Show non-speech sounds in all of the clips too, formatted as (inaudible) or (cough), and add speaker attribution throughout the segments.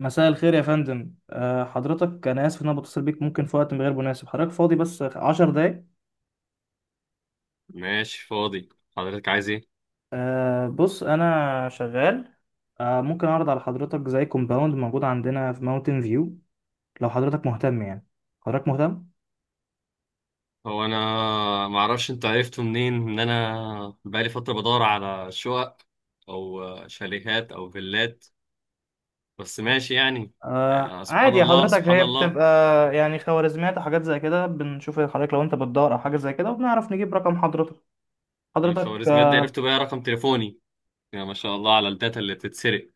Speaker 1: مساء الخير يا فندم، حضرتك انا اسف ان بتصل بيك، ممكن في وقت غير مناسب؟ حضرتك فاضي بس عشر دقايق؟
Speaker 2: ماشي، فاضي. حضرتك عايز ايه؟
Speaker 1: بص انا شغال. ممكن اعرض على حضرتك زي كومباوند موجود عندنا في ماونتن فيو لو حضرتك مهتم؟ يعني حضرتك مهتم؟
Speaker 2: هو انا ما اعرفش انت عرفته منين ان انا بقالي فتره بدور على شقق او شاليهات او فيلات، بس ماشي يعني. سبحان
Speaker 1: عادي يا
Speaker 2: الله
Speaker 1: حضرتك،
Speaker 2: سبحان
Speaker 1: هي
Speaker 2: الله.
Speaker 1: بتبقى يعني خوارزميات وحاجات زي كده، بنشوف حضرتك لو انت بتدور او حاجه زي كده وبنعرف نجيب رقم حضرتك.
Speaker 2: من
Speaker 1: حضرتك
Speaker 2: الخوارزميات دي عرفت بقى رقم تليفوني؟ يا ما شاء الله على الداتا اللي بتتسرق.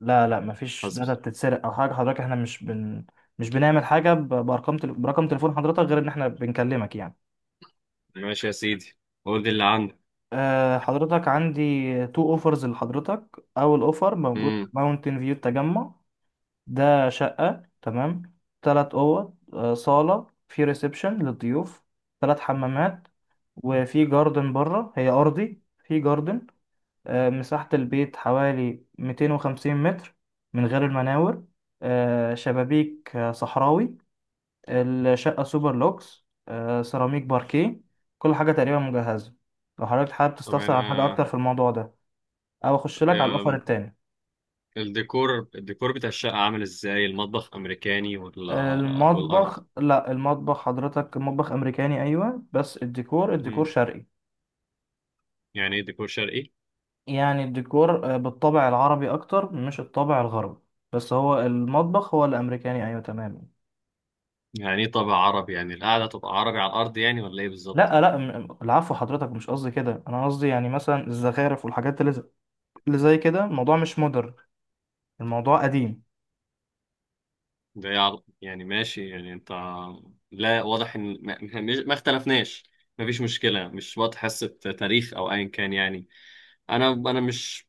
Speaker 1: لا لا، مفيش
Speaker 2: حسبي.
Speaker 1: داتا بتتسرق او حاجه حضرتك، احنا مش بنعمل حاجه برقم تليفون حضرتك غير ان احنا بنكلمك يعني.
Speaker 2: ماشي يا سيدي، قول لي اللي عندك.
Speaker 1: حضرتك عندي تو اوفرز لحضرتك. اول اوفر موجود
Speaker 2: امم.
Speaker 1: ماونتن فيو التجمع. ده شقه، تمام، تلات اوض، صاله في ريسبشن للضيوف، تلات حمامات، وفي جاردن بره، هي ارضي في جاردن. مساحة البيت حوالي 250 متر من غير المناور. شبابيك صحراوي. الشقة سوبر لوكس، سيراميك باركيه، كل حاجة تقريبا مجهزة. لو حضرتك حابب
Speaker 2: طب
Speaker 1: تستفسر عن حاجة
Speaker 2: انا.
Speaker 1: أكتر في الموضوع ده، أو أخش لك على
Speaker 2: آم،
Speaker 1: الأوفر التاني؟
Speaker 2: الديكور بتاع الشقه عامل ازاي؟ المطبخ امريكاني ولا؟ والارض.
Speaker 1: المطبخ، لا المطبخ حضرتك مطبخ أمريكاني، أيوة، بس الديكور
Speaker 2: امم.
Speaker 1: شرقي.
Speaker 2: يعني ايه ديكور شرقي؟
Speaker 1: يعني الديكور بالطابع العربي أكتر، مش الطابع الغربي، بس هو المطبخ هو الأمريكاني، أيوة تمام.
Speaker 2: يعني ايه طابع عربي؟ يعني القعدة تبقى عربي على الأرض يعني، ولا ايه
Speaker 1: لا
Speaker 2: بالظبط؟
Speaker 1: لا، العفو حضرتك، مش قصدي كده، انا قصدي يعني مثلا الزخارف والحاجات اللي زي كده. الموضوع مش مودرن، الموضوع قديم.
Speaker 2: ده إيه يعني ماشي، يعني انت. لا، واضح ان ما اختلفناش. مفيش مشكلة، مش وقت حصة تاريخ او ايا كان يعني. انا مش،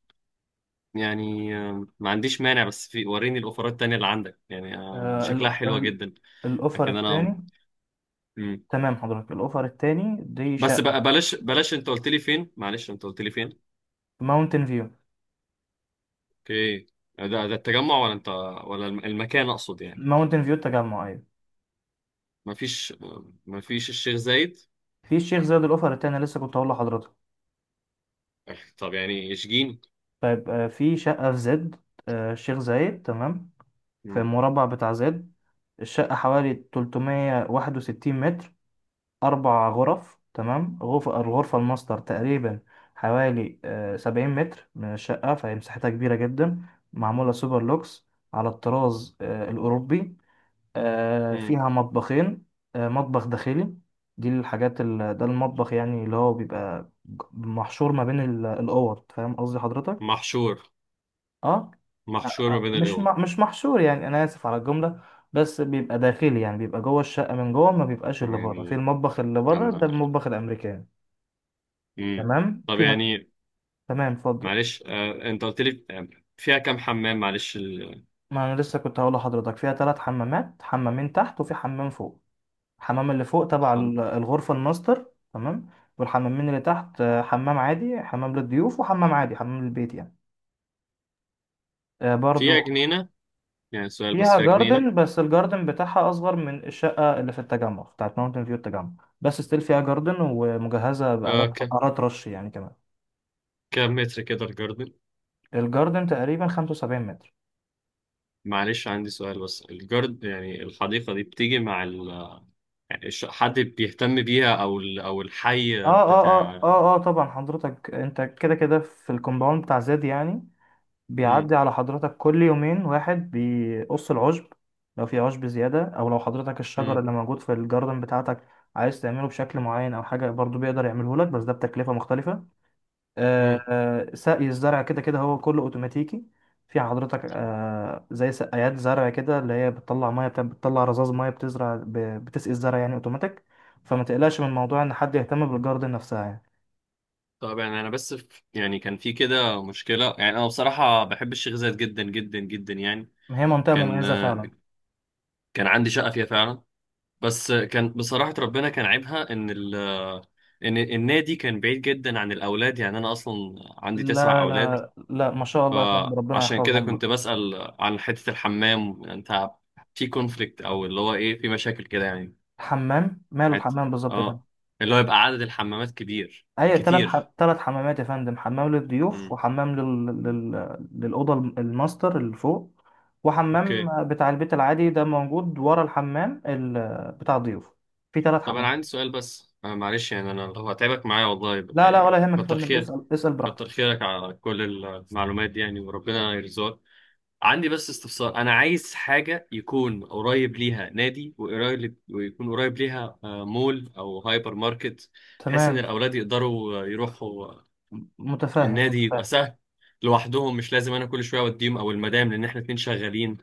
Speaker 2: يعني ما عنديش مانع، بس في وريني الاوفرات التانية اللي عندك، يعني دي
Speaker 1: آه
Speaker 2: شكلها
Speaker 1: ال-
Speaker 2: حلوة
Speaker 1: ال-
Speaker 2: جدا.
Speaker 1: الاوفر
Speaker 2: لكن انا.
Speaker 1: التاني،
Speaker 2: مم.
Speaker 1: تمام حضرتك، الاوفر التاني دي
Speaker 2: بس
Speaker 1: شقه.
Speaker 2: بقى، بلاش بلاش، انت قلت لي فين؟ معلش، انت قلت لي فين؟
Speaker 1: ماونتن فيو.
Speaker 2: اوكي. ده التجمع ولا انت، ولا المكان اقصد يعني؟
Speaker 1: ماونتن فيو التجمع، ايوه.
Speaker 2: مفيش مفيش الشيخ زايد؟
Speaker 1: في الشيخ زايد الاوفر التاني، لسه كنت هقول لحضرتك.
Speaker 2: (laughs) طب يعني اشجين.
Speaker 1: طيب، في شقه في زد، الشيخ زايد، تمام. في
Speaker 2: مم.
Speaker 1: المربع بتاع زد، الشقه حوالي 361 متر، أربع غرف، تمام. الغرفة الماستر تقريبا حوالي سبعين متر من الشقة، فهي مساحتها كبيرة جدا، معمولة سوبر لوكس على الطراز الأوروبي.
Speaker 2: مم.
Speaker 1: فيها مطبخين. مطبخ داخلي، ده المطبخ يعني اللي هو بيبقى محشور ما بين الأوض، فاهم قصدي حضرتك؟
Speaker 2: محشور،
Speaker 1: اه
Speaker 2: محشور ما بين
Speaker 1: مش
Speaker 2: القوى.
Speaker 1: مش محشور، يعني انا اسف على الجمله، بس بيبقى داخلي، يعني بيبقى جوه الشقه من جوه، ما بيبقاش اللي بره. في
Speaker 2: يعني
Speaker 1: المطبخ اللي بره، ده
Speaker 2: أنا.
Speaker 1: المطبخ الامريكاني.
Speaker 2: مم.
Speaker 1: تمام
Speaker 2: طب
Speaker 1: فيها.
Speaker 2: يعني،
Speaker 1: تمام اتفضل.
Speaker 2: معلش، انت قلت لي، فيها كام حمام؟ معلش
Speaker 1: ما انا لسه كنت هقول لحضرتك، فيها ثلاث حمامات، حمامين تحت وفي حمام فوق. الحمام اللي فوق تبع
Speaker 2: حم...
Speaker 1: الغرفه الماستر، تمام. والحمامين اللي تحت حمام عادي حمام للضيوف، وحمام عادي حمام البيت يعني. برضو
Speaker 2: فيها جنينة؟ يعني سؤال بس،
Speaker 1: فيها
Speaker 2: فيها جنينة؟
Speaker 1: جاردن، بس الجاردن بتاعها اصغر من الشقه اللي في التجمع بتاعت ماونتن فيو التجمع، بس ستيل فيها جاردن ومجهزه
Speaker 2: آه ك...
Speaker 1: آلات رش يعني كمان.
Speaker 2: كام متر كده الجاردن؟
Speaker 1: الجاردن تقريبا 75 متر.
Speaker 2: معلش، عندي سؤال بس يعني الحديقة دي بتيجي مع يعني حد بيهتم بيها؟ او او الحي بتاع.
Speaker 1: اه طبعا حضرتك، انت كده كده في الكومباوند بتاع زاد يعني،
Speaker 2: مم.
Speaker 1: بيعدي على حضرتك كل يومين واحد بيقص العشب لو في عشب زيادة، او لو حضرتك الشجر
Speaker 2: مم.
Speaker 1: اللي موجود في الجاردن بتاعتك عايز تعمله بشكل معين او حاجة، برضو بيقدر يعمله لك، بس ده بتكلفة مختلفة.
Speaker 2: مم.
Speaker 1: آه، سقي الزرع كده كده هو كله اوتوماتيكي. في حضرتك زي سقايات زرع كده، اللي هي بتطلع ميه، بتطلع رذاذ ميه، بتسقي الزرع يعني اوتوماتيك، فما تقلقش من موضوع ان حد يهتم بالجاردن نفسها يعني.
Speaker 2: طبعا انا بس في، يعني كان في كده مشكله. يعني انا بصراحه بحب الشيخ زايد جدا جدا جدا يعني.
Speaker 1: هي منطقه
Speaker 2: كان
Speaker 1: مميزه فعلا.
Speaker 2: كان عندي شقه فيها فعلا. بس كان بصراحه ربنا، كان عيبها ان ان النادي كان بعيد جدا عن الاولاد. يعني انا اصلا عندي تسع
Speaker 1: لا
Speaker 2: اولاد.
Speaker 1: لا لا، ما شاء الله يا فندم، ربنا
Speaker 2: فعشان كده
Speaker 1: يحفظهم
Speaker 2: كنت
Speaker 1: لك.
Speaker 2: بسال عن حته الحمام. انت في كونفليكت او اللي هو ايه، في مشاكل كده يعني؟
Speaker 1: الحمام ماله
Speaker 2: هت-
Speaker 1: الحمام بالظبط يا فندم؟
Speaker 2: اه، اللي هو يبقى عدد الحمامات كبير.
Speaker 1: هي
Speaker 2: كتير.
Speaker 1: تلات حمامات يا فندم، حمام للضيوف،
Speaker 2: امم.
Speaker 1: وحمام للأوضة الماستر اللي فوق، وحمام
Speaker 2: اوكي.
Speaker 1: بتاع البيت العادي ده موجود ورا الحمام بتاع الضيوف. في تلات
Speaker 2: طب انا
Speaker 1: حمامات.
Speaker 2: عندي سؤال بس، أنا معلش يعني، انا لو هتعبك معايا والله
Speaker 1: لا لا، ولا
Speaker 2: يعني،
Speaker 1: يهمك يا
Speaker 2: كتر
Speaker 1: فندم،
Speaker 2: خير.
Speaker 1: اسأل اسأل براحتك.
Speaker 2: كتر خيرك على كل المعلومات دي يعني، وربنا يرزقك. عندي بس استفسار: انا عايز حاجه يكون قريب ليها نادي ويكون قريب ليها مول او هايبر ماركت، بحيث ان
Speaker 1: تمام.
Speaker 2: الاولاد يقدروا يروحوا.
Speaker 1: متفاهم.
Speaker 2: النادي يبقى
Speaker 1: متفاهم
Speaker 2: سهل لوحدهم، مش لازم انا كل شويه اوديهم او المدام، لان احنا اتنين شغالين،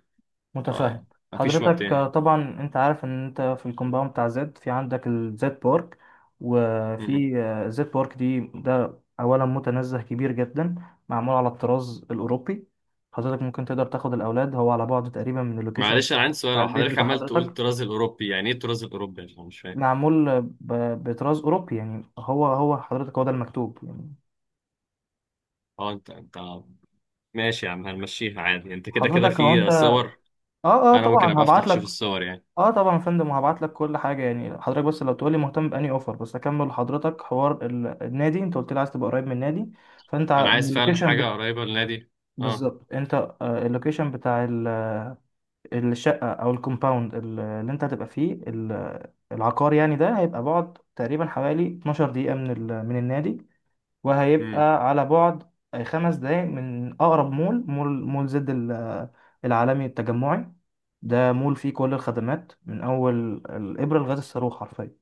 Speaker 1: متفاهم.
Speaker 2: فمفيش وقت
Speaker 1: حضرتك
Speaker 2: يعني.
Speaker 1: طبعا انت عارف ان انت في الكومباوند بتاع زد، في عندك الزد بارك، وفي زد بارك دي، ده اولا متنزه كبير جدا، معمول على الطراز الاوروبي، حضرتك ممكن تقدر تاخد الاولاد، هو على بعد تقريبا من اللوكيشن
Speaker 2: معلش انا
Speaker 1: بتاع
Speaker 2: عندي سؤال، لو
Speaker 1: البيت
Speaker 2: حضرتك
Speaker 1: بتاع
Speaker 2: عمال تقول
Speaker 1: حضرتك.
Speaker 2: الطراز الاوروبي، يعني ايه الطراز الاوروبي؟ يعني انا مش فاهم.
Speaker 1: معمول بطراز اوروبي، يعني هو حضرتك هو ده المكتوب يعني.
Speaker 2: اه انت ماشي يا عم، هنمشيها عادي، انت كده كده
Speaker 1: حضرتك هو انت
Speaker 2: في
Speaker 1: اه
Speaker 2: صور.
Speaker 1: اه،
Speaker 2: انا ممكن
Speaker 1: طبعا
Speaker 2: ابقى افتح
Speaker 1: هبعت لك.
Speaker 2: اشوف الصور يعني؟
Speaker 1: اه طبعا يا فندم، وهبعت لك كل حاجه يعني حضرتك، بس لو تقولي مهتم باني اوفر، بس اكمل لحضرتك حوار النادي، انت قلت لي عايز تبقى قريب من النادي، فانت
Speaker 2: انا
Speaker 1: من
Speaker 2: عايز فعلا حاجه قريبه للنادي. اه.
Speaker 1: بالظبط انت اللوكيشن بتاع الشقه او الكومباوند اللي انت هتبقى فيه العقار يعني، ده هيبقى بعد تقريبا حوالي 12 دقيقه من النادي،
Speaker 2: امم.
Speaker 1: وهيبقى على بعد خمس دقايق من أقرب مول، مول زد العالمي التجمعي. ده مول فيه كل الخدمات، من أول الإبرة لغاية الصاروخ حرفيا،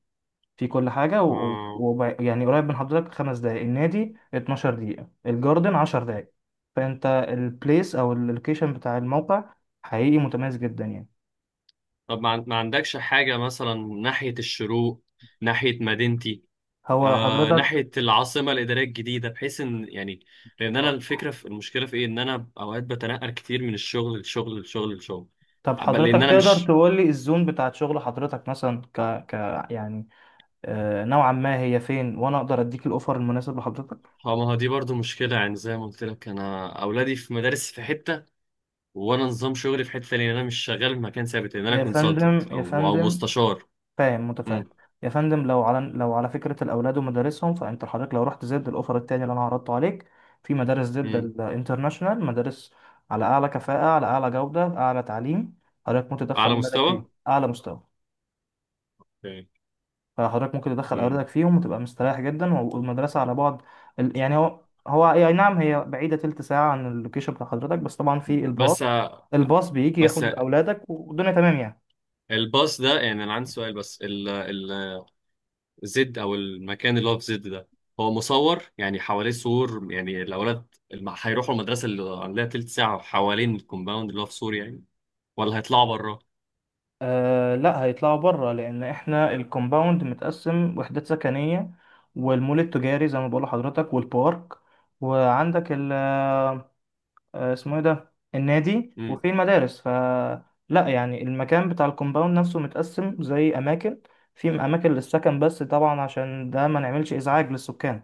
Speaker 1: فيه كل حاجة
Speaker 2: اه.
Speaker 1: يعني قريب من حضرتك، خمس دقايق النادي، 12 دقيقة الجاردن، 10 دقايق، فأنت البليس أو اللوكيشن بتاع الموقع حقيقي متميز جدا يعني.
Speaker 2: طب ما عندكش حاجه مثلا ناحيه الشروق، ناحيه مدينتي،
Speaker 1: هو حضرتك
Speaker 2: ناحيه العاصمه الاداريه الجديده، بحيث ان يعني، لان انا
Speaker 1: آه.
Speaker 2: الفكره، في المشكله في ايه، ان انا اوقات بتنقل كتير من الشغل للشغل للشغل للشغل.
Speaker 1: طب
Speaker 2: بل لأن
Speaker 1: حضرتك
Speaker 2: أنا
Speaker 1: تقدر
Speaker 2: مش.
Speaker 1: تقول لي الزون بتاعت شغل حضرتك مثلا؟ ك... يعني نوعا ما هي فين، وانا اقدر اديك الاوفر المناسب لحضرتك.
Speaker 2: اه، ما هو دي برضو مشكلة يعني. زي ما قلت لك، أنا أولادي في مدارس في حتة، وأنا نظام شغلي في حتة تانية، لأن أنا مش شغال في مكان ثابت، لأن أنا
Speaker 1: يا
Speaker 2: كونسلتنت
Speaker 1: فندم يا
Speaker 2: أو
Speaker 1: فندم،
Speaker 2: مستشار.
Speaker 1: فاهم متفاهم.
Speaker 2: امم.
Speaker 1: يا فندم لو على فكره الاولاد ومدارسهم، فانت حضرتك لو رحت زد الاوفر التاني اللي انا عرضته عليك، في مدارس زد
Speaker 2: امم.
Speaker 1: الانترناشونال، مدارس على اعلى كفاءه، على اعلى جوده، اعلى تعليم، حضرتك متدخل
Speaker 2: أعلى
Speaker 1: ولادك
Speaker 2: مستوى.
Speaker 1: فيه اعلى مستوى.
Speaker 2: اوكي.
Speaker 1: فحضرتك ممكن تدخل
Speaker 2: امم.
Speaker 1: أولادك فيهم وتبقى مستريح جدا، والمدرسة على بعد يعني هو، هو أي نعم هي بعيدة تلت ساعة عن اللوكيشن بتاع حضرتك، بس طبعا في الباص،
Speaker 2: بس.
Speaker 1: الباص بيجي
Speaker 2: بس
Speaker 1: ياخد أولادك، والدنيا تمام يعني.
Speaker 2: الباص ده، يعني أنا عندي سؤال بس، ال زد أو المكان اللي هو في زد ده، هو مصور يعني، حواليه سور يعني؟ الأولاد هيروحوا المدرسة اللي عليها تلت ساعة، حوالين الكومباوند اللي هو في سور يعني، ولا هيطلعوا بره؟
Speaker 1: آه لا، هيطلعوا بره لأن إحنا الكومباوند متقسم وحدات سكنية، والمول التجاري زي ما بقول لحضرتك، والبارك، وعندك اسمه ايه ده، النادي، وفي المدارس، ف لا، يعني المكان بتاع الكومباوند نفسه متقسم زي اماكن، في اماكن للسكن، بس طبعا عشان ده ما نعملش ازعاج للسكان،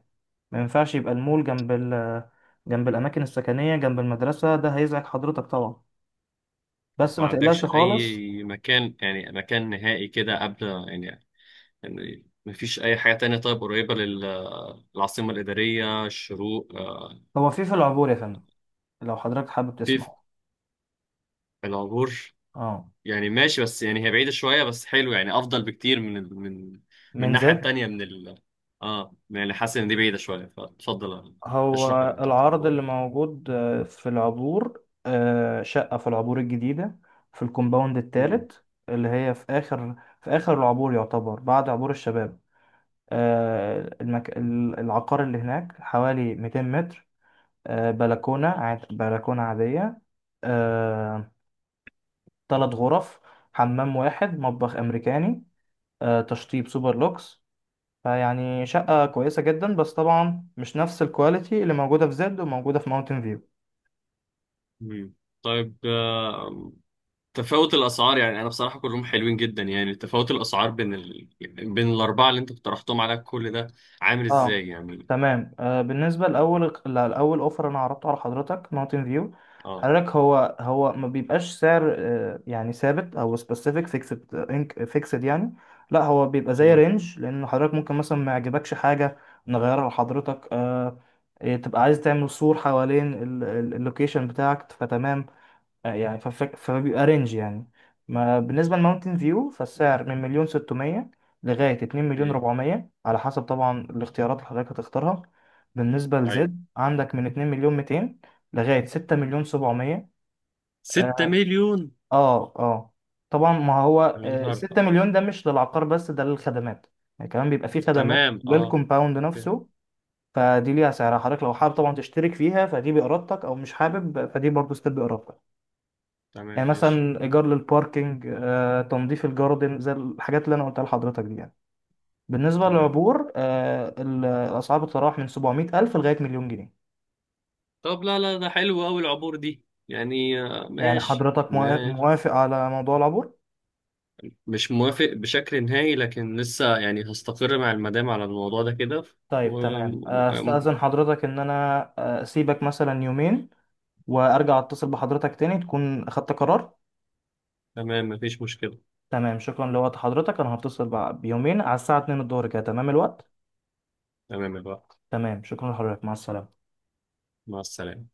Speaker 1: ما ينفعش يبقى المول جنب جنب الاماكن السكنيه، جنب المدرسه، ده هيزعج حضرتك طبعا،
Speaker 2: طب
Speaker 1: بس
Speaker 2: ما
Speaker 1: ما تقلقش
Speaker 2: عندكش
Speaker 1: خالص.
Speaker 2: اي مكان، يعني مكان نهائي كده قبل يعني؟ يعني مفيش اي حاجة تانية طيب قريبة للعاصمة الإدارية، الشروق،
Speaker 1: هو في في العبور يا فندم، لو حضرتك حابب
Speaker 2: في، في
Speaker 1: تسمع.
Speaker 2: العبور؟
Speaker 1: اه
Speaker 2: يعني ماشي، بس يعني هي بعيدة شوية، بس حلو يعني، افضل بكتير من
Speaker 1: من
Speaker 2: الناحية
Speaker 1: زد.
Speaker 2: التانية من ال اه يعني، حاسس ان دي بعيدة شوية، فتفضل
Speaker 1: هو
Speaker 2: اشرح اللي بتاعت
Speaker 1: العرض
Speaker 2: العبور
Speaker 1: اللي
Speaker 2: دي.
Speaker 1: موجود في العبور، شقة في العبور الجديدة، في الكومباوند
Speaker 2: مم.
Speaker 1: التالت، اللي هي في آخر العبور، يعتبر بعد عبور الشباب. العقار اللي هناك حوالي 200 متر، بلكونة عادية، آه، تلات غرف، حمام واحد، مطبخ أمريكاني، تشطيب سوبر لوكس، فيعني شقة كويسة جدا، بس طبعا مش نفس الكواليتي اللي موجودة في زد وموجودة في ماونتن فيو.
Speaker 2: مم. طيب، تفاوت الاسعار، يعني انا بصراحه كلهم حلوين جدا، يعني تفاوت الاسعار بين بين الاربعه اللي انت اقترحتهم على كل ده، عامل
Speaker 1: اه
Speaker 2: ازاي يعني؟
Speaker 1: تمام. آه بالنسبه لاول اوفر انا عرضته على حضرتك ماونتن فيو،
Speaker 2: اه.
Speaker 1: حضرتك هو ما بيبقاش سعر يعني ثابت او سبيسيفيك فيكسد، انك فيكسد يعني، لا هو بيبقى زي
Speaker 2: مم.
Speaker 1: رينج، لان حضرتك ممكن مثلا ما يعجبكش حاجه نغيرها لحضرتك. آه إيه، تبقى عايز تعمل سور حوالين اللوكيشن بتاعك فتمام، فبيبقى رينج يعني. ما بالنسبة لماونتن فيو، فالسعر من مليون ستمية لغاية اتنين مليون
Speaker 2: مم.
Speaker 1: ربعمية، على حسب طبعا الاختيارات اللي حضرتك هتختارها. بالنسبة
Speaker 2: ايوه.
Speaker 1: لزد، عندك من اتنين مليون ميتين لغاية ستة مليون سبعمية.
Speaker 2: 6
Speaker 1: اه
Speaker 2: مليون!
Speaker 1: اه طبعا ما هو
Speaker 2: يا نهار
Speaker 1: ستة
Speaker 2: آه.
Speaker 1: مليون ده مش للعقار بس، ده للخدمات، يعني كمان بيبقى فيه خدمات
Speaker 2: تمام اه.
Speaker 1: للكومباوند
Speaker 2: ت-
Speaker 1: نفسه، فدي ليها سعرها، حضرتك لو حابب طبعا تشترك فيها فدي بإرادتك، أو مش حابب فدي برضه ستيب بإرادتك،
Speaker 2: تمام
Speaker 1: يعني
Speaker 2: ماشي.
Speaker 1: مثلا ايجار للباركينج، تنظيف الجاردن، زي الحاجات اللي انا قلتها لحضرتك دي يعني. بالنسبه
Speaker 2: تمام.
Speaker 1: للعبور الاسعار بتتراوح من 700 الف لغايه مليون جنيه.
Speaker 2: طب لا، لا، ده حلو قوي العبور دي يعني، آه
Speaker 1: يعني
Speaker 2: ماشي
Speaker 1: حضرتك
Speaker 2: ماشي.
Speaker 1: موافق على موضوع العبور؟
Speaker 2: مش موافق بشكل نهائي، لكن لسه يعني هستقر مع المدام على الموضوع ده كده.
Speaker 1: طيب
Speaker 2: و...
Speaker 1: تمام،
Speaker 2: و-
Speaker 1: استاذن حضرتك ان انا اسيبك مثلا يومين، وارجع اتصل بحضرتك تاني تكون اخدت قرار.
Speaker 2: تمام، مفيش مشكلة.
Speaker 1: تمام، شكرا لوقت حضرتك، انا هتصل بيومين على الساعه 2 الظهر كده، تمام الوقت؟
Speaker 2: تمام يا بقى،
Speaker 1: تمام، شكرا لحضرتك، مع السلامه.
Speaker 2: مع السلامة.